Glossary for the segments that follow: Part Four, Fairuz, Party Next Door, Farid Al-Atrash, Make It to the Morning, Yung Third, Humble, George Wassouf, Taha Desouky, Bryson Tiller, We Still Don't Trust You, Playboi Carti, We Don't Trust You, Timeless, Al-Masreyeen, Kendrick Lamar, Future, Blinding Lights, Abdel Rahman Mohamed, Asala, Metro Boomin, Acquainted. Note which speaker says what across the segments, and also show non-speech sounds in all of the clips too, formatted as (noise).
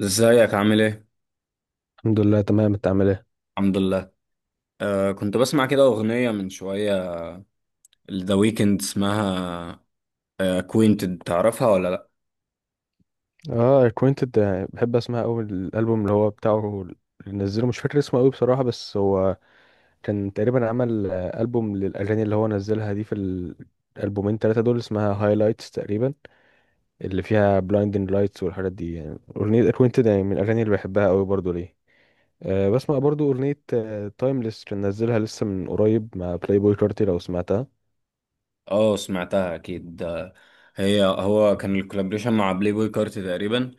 Speaker 1: ازيك عامل ايه؟
Speaker 2: الحمد لله، تمام. انت عامل ايه؟
Speaker 1: الحمد لله. آه، كنت بسمع كده أغنية من شوية، ذا ويكند اسمها، اكوينتد تعرفها ولا لأ؟
Speaker 2: اه، acquainted. بحب اسمع قوي الالبوم اللي هو بتاعه اللي نزله. مش فاكر اسمه قوي بصراحه، بس هو كان تقريبا عمل البوم للاغاني اللي هو نزلها دي في الالبومين ثلاثه دول. اسمها هايلايتس تقريبا، اللي فيها blinding lights والحاجات دي. يعني اغنيه acquainted يعني من الاغاني اللي بحبها قوي برضو ليه. بسمع برضو اغنيه تايمليس، كان نزلها لسه من قريب مع بلاي بوي كارتي لو سمعتها.
Speaker 1: اه سمعتها أكيد. هو كان الكولابريشن مع بلاي بوي كارتي تقريبا.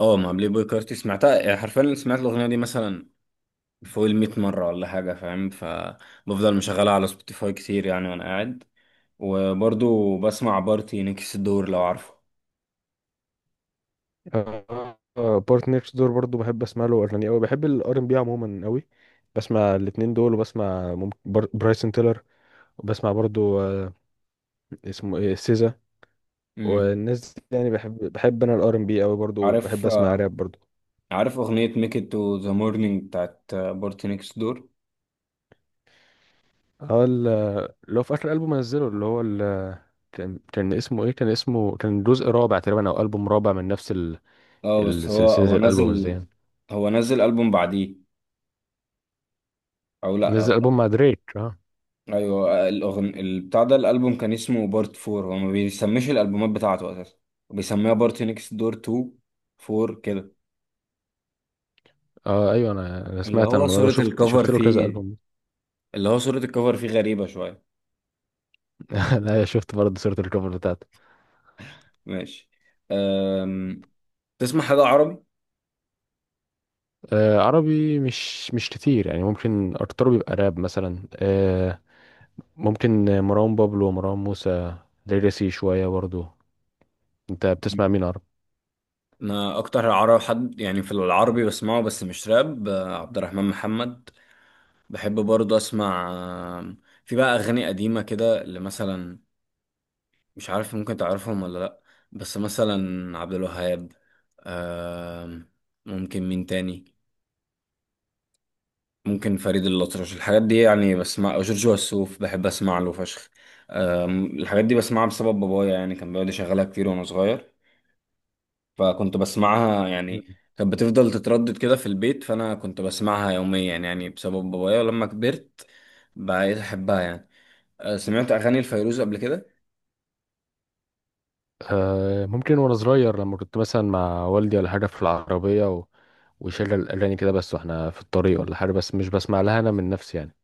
Speaker 1: اه مع بلاي بوي كارتي. سمعتها يعني حرفيا، سمعت الأغنية دي مثلا فوق الميت مرة ولا حاجة، فاهم؟ فبفضل مشغلها على سبوتيفاي كتير يعني وأنا قاعد. وبرضو بسمع بارتي نكس الدور، لو عارفه.
Speaker 2: بارت نيكست دور برضو بحب اسمع له اغاني قوي. بحب الار ام بي عموما قوي، بسمع الاتنين دول. وبسمع ممكن برايسون تيلر، وبسمع برضو اسمه ايه، سيزا.
Speaker 1: مم.
Speaker 2: والناس دي يعني، بحب بحب انا الار ام بي قوي برضو، بحب
Speaker 1: عارف،
Speaker 2: اسمع
Speaker 1: آه،
Speaker 2: راب برضو.
Speaker 1: عارف أغنية ميك إت تو ذا مورنينج بتاعت بارتي نيكست دور.
Speaker 2: هو ال- اللي هو في اخر البوم نزله، اللي هو كان اسمه ايه، كان جزء رابع تقريبا، او البوم رابع من نفس
Speaker 1: اه بس هو
Speaker 2: سلسله
Speaker 1: هو
Speaker 2: الالبومز دي
Speaker 1: نزل،
Speaker 2: يعني.
Speaker 1: هو نزل ألبوم بعديه أو لأ؟
Speaker 2: نزل البوم مع دريك، اه.
Speaker 1: أيوه، الأغن البتاع ده الألبوم كان اسمه بارت فور، هو ما بيسميش الألبومات بتاعته أساسا، بيسميها بارتي نيكست دور تو، فور كده.
Speaker 2: اه، ايوه، انا
Speaker 1: اللي
Speaker 2: سمعت عن
Speaker 1: هو
Speaker 2: الموضوع ده،
Speaker 1: صورة
Speaker 2: شفت
Speaker 1: الكفر
Speaker 2: شفت له كذا
Speaker 1: فيه،
Speaker 2: البوم.
Speaker 1: غريبة شوية.
Speaker 2: (laughs) انا شفت برضه صورة الكفر بتاعته.
Speaker 1: ماشي. أم... تسمع حاجة عربي؟
Speaker 2: عربي مش كتير، يعني ممكن ارتضو بيبقى راب مثلا. ممكن مروان بابلو ومروان موسى، ليجاسي شوية برضه. انت بتسمع
Speaker 1: مم.
Speaker 2: مين عربي؟
Speaker 1: أنا أكتر عربي حد يعني في العربي بسمعه بس مش راب، آه، عبد الرحمن محمد، بحب برضه اسمع. في بقى اغاني قديمه كده اللي مثلا مش عارف ممكن تعرفهم ولا لا، بس مثلا عبد الوهاب، آم، ممكن مين تاني، ممكن فريد الأطرش، الحاجات دي يعني بسمع، أو جورج وسوف بحب اسمع له فشخ. الحاجات دي بسمعها بسبب بابايا يعني، كان بيقعد يشغلها كتير وانا صغير، فكنت بسمعها يعني.
Speaker 2: مم.
Speaker 1: كانت بتفضل تتردد كده في البيت، فانا كنت بسمعها يوميا يعني بسبب بابايا، ولما كبرت بقيت احبها يعني. آه، سمعت اغاني الفيروز قبل كده؟
Speaker 2: ممكن، وانا صغير لما كنت مثلا مع والدي ولا حاجة في العربية ويشغل اغاني كده، بس واحنا في الطريق ولا حاجة. بس مش بسمع لها انا من نفسي يعني.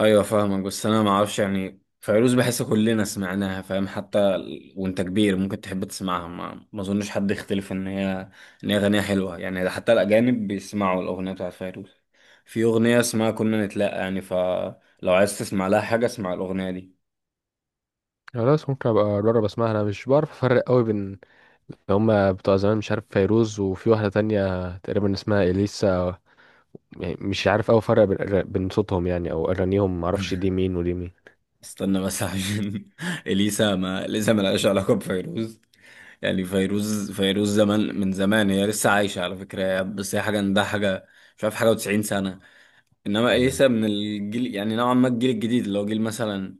Speaker 1: ايوه فاهمك، بس انا ما اعرفش يعني، فيروز بحس كلنا سمعناها، فاهم؟ حتى وانت كبير ممكن تحب تسمعها، ما اظنش حد يختلف ان هي اغانيها حلوه يعني، ده حتى الاجانب بيسمعوا الاغنيه بتاعت فيروز. في اغنيه اسمها كنا نتلاقى يعني، فلو عايز تسمع لها حاجه اسمع الاغنيه دي.
Speaker 2: خلاص، ممكن ابقى اجرب اسمعها. انا مش بعرف افرق قوي بين اللي هما بتوع زمان، مش عارف، فيروز وفي واحدة تانية تقريبا اسمها اليسا. يعني مش عارف أوي أفرق بين بين صوتهم يعني، أو أغانيهم معرفش
Speaker 1: (laughs)
Speaker 2: دي مين ودي مين.
Speaker 1: استنى بس عشان (laughs) اليسا، ما اليسا ما لهاش علاقه بفيروز يعني. فيروز زمان من زمان، هي لسه عايشه على فكره، بس هي حاجه، ده حاجه، مش عارف، حاجه و90 سنه. انما
Speaker 2: مم.
Speaker 1: اليسا من الجيل يعني نوعا ما، الجيل الجديد اللي هو جيل مثلا،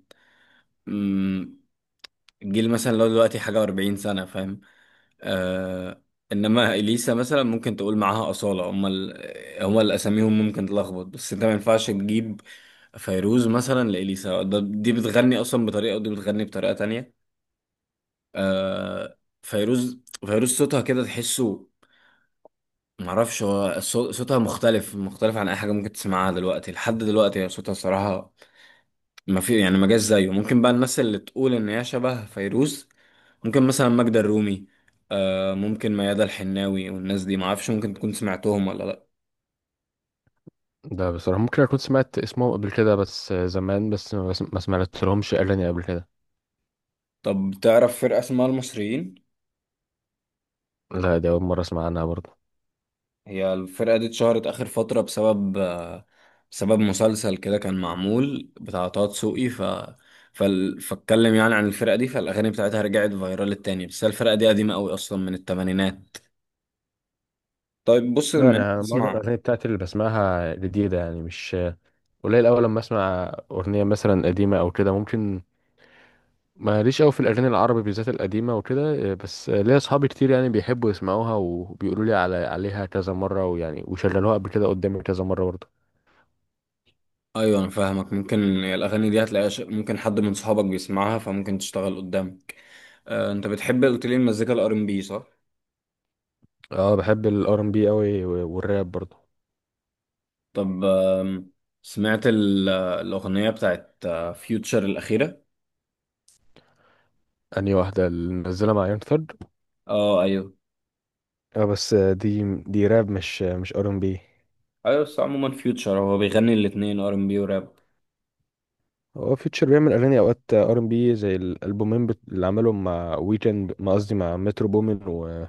Speaker 1: مم، الجيل مثلا اللي هو دلوقتي حاجه و40 سنه، فاهم؟ آه. انما اليسا مثلا ممكن تقول معاها اصاله، هم هم اللي اساميهم ممكن تلخبط، بس انت ما ينفعش تجيب فيروز مثلا لاليسا، ده دي بتغني اصلا بطريقه ودي بتغني بطريقه تانية. آه فيروز، صوتها كده تحسه، معرفش هو صوتها مختلف، عن اي حاجه ممكن تسمعها دلوقتي، لحد دلوقتي هي صوتها صراحه ما في يعني، ما جاش زيه. ممكن بقى الناس اللي تقول ان هي شبه فيروز، ممكن مثلا ماجدة الرومي، آه، ممكن ميادة الحناوي، والناس دي ما اعرفش ممكن تكون سمعتهم ولا لا.
Speaker 2: ده بصراحة ممكن أكون سمعت اسمهم قبل كده، بس زمان، ما سمعت لهمش أغاني قبل كده.
Speaker 1: طب تعرف فرقة اسمها المصريين؟
Speaker 2: لا، دي أول مرة أسمع عنها برضه.
Speaker 1: هي الفرقة دي اتشهرت اخر فترة بسبب، آه، بسبب مسلسل كده كان معمول بتاع طه دسوقي، فاتكلم يعني عن الفرقة دي، فالاغاني بتاعتها رجعت فايرال التاني، بس هي الفرقة دي قديمة قوي اصلا من الثمانينات. طيب بص،
Speaker 2: لا،
Speaker 1: بما انك
Speaker 2: أنا معظم
Speaker 1: بتسمع،
Speaker 2: الأغاني بتاعتي اللي بسمعها جديدة يعني. مش قليل أوي لما أسمع أغنية مثلا قديمة أو كده ممكن. ماليش أوي في الأغاني العربي بالذات القديمة وكده، بس ليا أصحابي كتير يعني بيحبوا يسمعوها وبيقولوا لي عليها كذا مرة، ويعني وشغلوها قبل كده قدامي كذا مرة برضه.
Speaker 1: ايوه انا فاهمك، ممكن الاغاني دي هتلاقيها ممكن حد من صحابك بيسمعها فممكن تشتغل قدامك. آه، انت بتحب قلت لي المزيكا الار ام بي، صح؟
Speaker 2: اه، بحب الار ام بي قوي والراب برضو.
Speaker 1: طب، سمعت الاغنيه بتاعت فيوتشر الاخيره؟
Speaker 2: اني واحده اللي منزله مع يون ثرد.
Speaker 1: اه ايوه.
Speaker 2: اه، بس دي راب، مش ار ام بي.
Speaker 1: ايوه بس عموما فيوتشر هو بيغني الاتنين، ار ام بي وراب.
Speaker 2: هو فيوتشر بيعمل اغاني اوقات ار ام بي زي الالبومين اللي عملهم مع ويكند، ما قصدي مع مترو بومين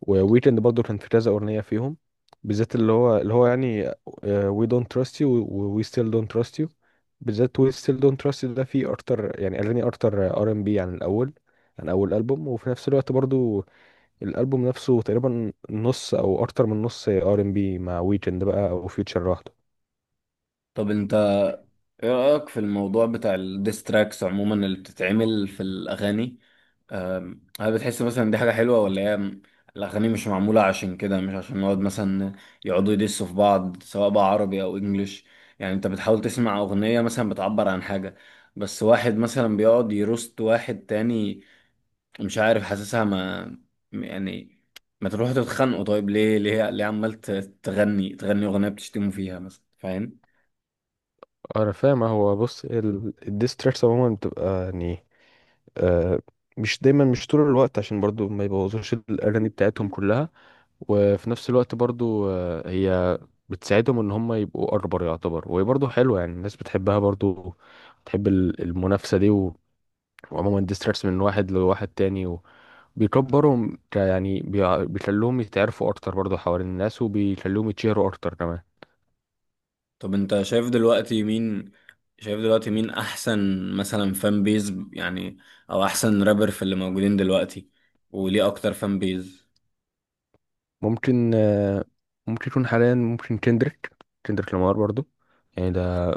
Speaker 2: وويكند برضو. كان في كذا اغنيه فيهم، بالذات اللي هو يعني وي دونت تراست يو، وي ستيل دونت تراست يو. بالذات وي ستيل دونت تراست يو ده فيه اكتر، يعني اغاني اكتر ار ام بي عن اول البوم. وفي نفس الوقت برضو الالبوم نفسه تقريبا نص او اكتر من نص ار ام بي مع ويكند بقى، او فيوتشر لوحده.
Speaker 1: طب انت ايه رأيك في الموضوع بتاع الديستراكس عموما اللي بتتعمل في الأغاني؟ هل بتحس مثلا دي حاجة حلوة، ولا هي الأغاني مش معمولة عشان كده، مش عشان نقعد مثلا يقعدوا يدسوا في بعض سواء بقى عربي أو إنجليش، يعني أنت بتحاول تسمع أغنية مثلا بتعبر عن حاجة، بس واحد مثلا بيقعد يروست واحد تاني. مش عارف حاسسها، ما م- يعني ما تروحوا تتخانقوا طيب، ليه عمال تغني أغنية بتشتموا فيها مثلا، فاهم؟
Speaker 2: انا فاهم. هو بص، الديستراكس عموما بتبقى يعني، آه مش دايما، مش طول الوقت، عشان برضو ما يبوظوش الاغاني بتاعتهم كلها. وفي نفس الوقت برضو هي بتساعدهم ان هم يبقوا اكبر، يعتبر. وهي برضو حلوه يعني، الناس بتحبها برضو، بتحب المنافسه دي. وعموما الديستراكس من واحد لواحد تاني بيكبرهم، يعني بيخلوهم يتعرفوا اكتر برضه حوالين الناس، وبيخلوهم يتشهروا اكتر كمان.
Speaker 1: طب انت شايف دلوقتي مين، احسن مثلا فان بيز يعني، او احسن رابر في اللي موجودين دلوقتي، وليه اكتر فان بيز؟
Speaker 2: ممكن ممكن يكون حاليا، ممكن كندريك، كندريك لامار برضه. يعني ده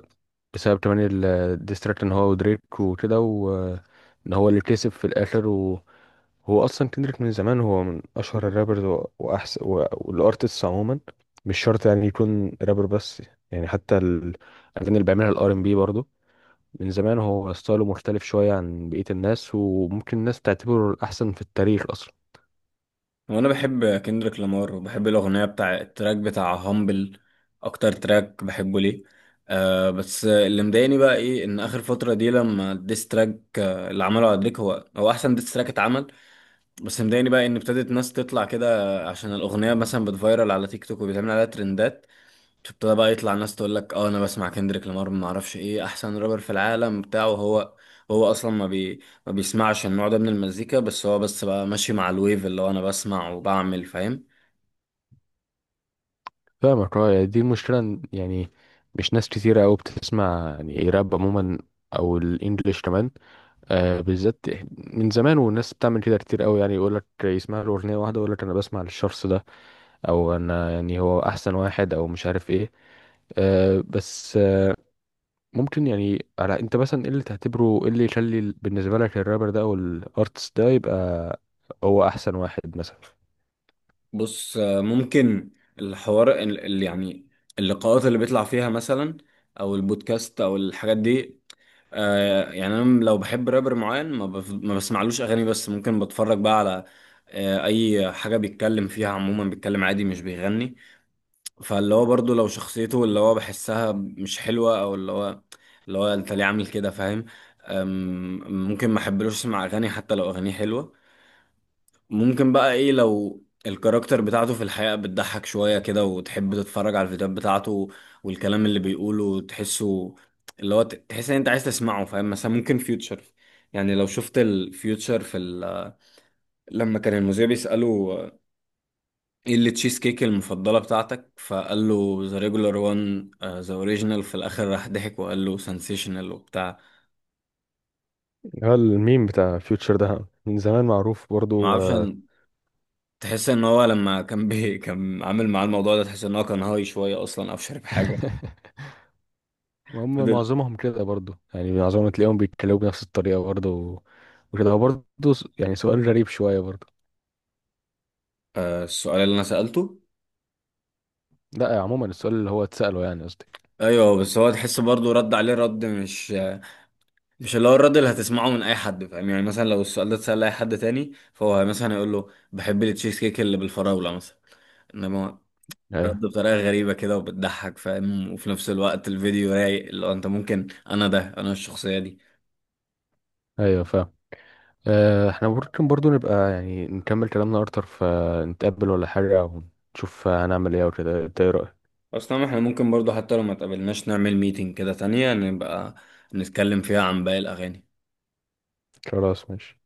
Speaker 2: بسبب كمان الديستراكت ان هو ودريك وكده، وان هو اللي كسب في الاخر. وهو اصلا كندريك من زمان هو من اشهر الرابرز واحسن والارتستس عموما. مش شرط يعني يكون رابر بس، يعني حتى الاغاني اللي بيعملها الار ام بي من زمان. هو ستايله مختلف شوية عن بقية الناس، وممكن الناس تعتبره الأحسن في التاريخ أصلا.
Speaker 1: وانا بحب كندريك لامار، وبحب الاغنيه بتاع التراك بتاع هامبل اكتر تراك بحبه ليه. آه بس اللي مضايقني بقى ايه، ان اخر فتره دي لما الديس تراك، آه، اللي عمله على دريك، هو هو احسن ديس تراك اتعمل. بس مضايقني بقى ان ابتدت ناس تطلع كده، عشان الاغنيه مثلا بتفايرل على تيك توك وبيتعمل عليها ترندات، تبتدى بقى يطلع ناس تقول لك اه انا بسمع كندريك لامار، ما اعرفش ايه، احسن رابر في العالم بتاعه، هو هو اصلا ما بي ما بيسمعش النوع ده من المزيكا، بس هو بس بقى ماشي مع الويف، اللي هو انا بسمع وبعمل، فاهم؟
Speaker 2: فاهمك. اه يعني دي المشكلة، يعني مش ناس كتيرة أوي بتسمع يعني راب عموما، أو الإنجليش كمان، بالذات من زمان والناس بتعمل كده كتير أوي يعني، يقولك يسمع له أغنية واحدة يقولك أنا بسمع للشخص ده، أو أنا يعني هو أحسن واحد أو مش عارف إيه. بس ممكن يعني، على انت مثلا ايه اللي تعتبره، ايه اللي يخلي بالنسبه لك الرابر ده او الارتست ده يبقى هو احسن واحد مثلا.
Speaker 1: بص، آه، ممكن الحوار اللي يعني، اللقاءات اللي بيطلع فيها مثلا، او البودكاست او الحاجات دي، آه يعني انا لو بحب رابر معين، ما بسمعلوش اغاني، بس ممكن بتفرج بقى على، آه، اي حاجة بيتكلم فيها عموما، بيتكلم عادي مش بيغني. فاللي هو برضه لو شخصيته اللي هو بحسها مش حلوة، او اللي هو انت ليه عامل كده، فاهم؟ ممكن ما احبلوش اسمع اغاني حتى لو اغانيه حلوة. ممكن بقى ايه، لو الكاركتر بتاعته في الحقيقة بتضحك شوية كده وتحب تتفرج على الفيديوهات بتاعته، والكلام اللي بيقوله تحسه اللي هو تحس ان انت عايز تسمعه، فاهم؟ مثلا ممكن فيوتشر يعني، لو شفت الفيوتشر في لما كان المذيع بيسأله ايه اللي تشيز كيك المفضلة بتاعتك، فقال له ذا ريجولار وان ذا اوريجينال، في الاخر راح ضحك وقال له سنسيشنال وبتاع.
Speaker 2: هو الميم بتاع فيوتشر ده من زمان معروف
Speaker 1: ما
Speaker 2: برضو
Speaker 1: اعرفش
Speaker 2: آه،
Speaker 1: أن- تحس ان هو لما كان بي (laughs) كان عامل معاه الموضوع ده، تحس ان هو كان هاي شوية اصلا او شارب حاجة.
Speaker 2: (laughs) هم
Speaker 1: فضل
Speaker 2: معظمهم كده برضو يعني، معظمهم تلاقيهم بيتكلموا بنفس الطريقه برضو. وكده هو برضو يعني سؤال غريب شويه برضو.
Speaker 1: آه، السؤال اللي انا سألته،
Speaker 2: لا، عموما السؤال اللي هو اتساله، يعني قصدي.
Speaker 1: ايوه بس هو تحس برضه رد عليه رد مش اللي هو الرد اللي هتسمعه من اي حد، فاهم؟ يعني مثلا لو السؤال ده اتسأل لاي حد تاني فهو مثلا يقول له بحب التشيز كيك اللي بالفراولة مثلا، انما رد
Speaker 2: ايوه،
Speaker 1: بطريقة غريبة كده وبتضحك، فاهم؟ وفي نفس الوقت الفيديو رايق، اللي هو انت ممكن، انا ده، انا الشخصية دي.
Speaker 2: ايوه، فاهم. احنا ممكن برضو نبقى يعني نكمل كلامنا اكتر فنتقابل ولا حاجة، ونشوف هنعمل ايه وكده. إنت ايه رأيك؟
Speaker 1: اصلا احنا ممكن برضو حتى لو ما تقابلناش نعمل ميتنج كده تانية، نبقى نتكلم فيها عن باقي الاغاني.
Speaker 2: خلاص، ماشي.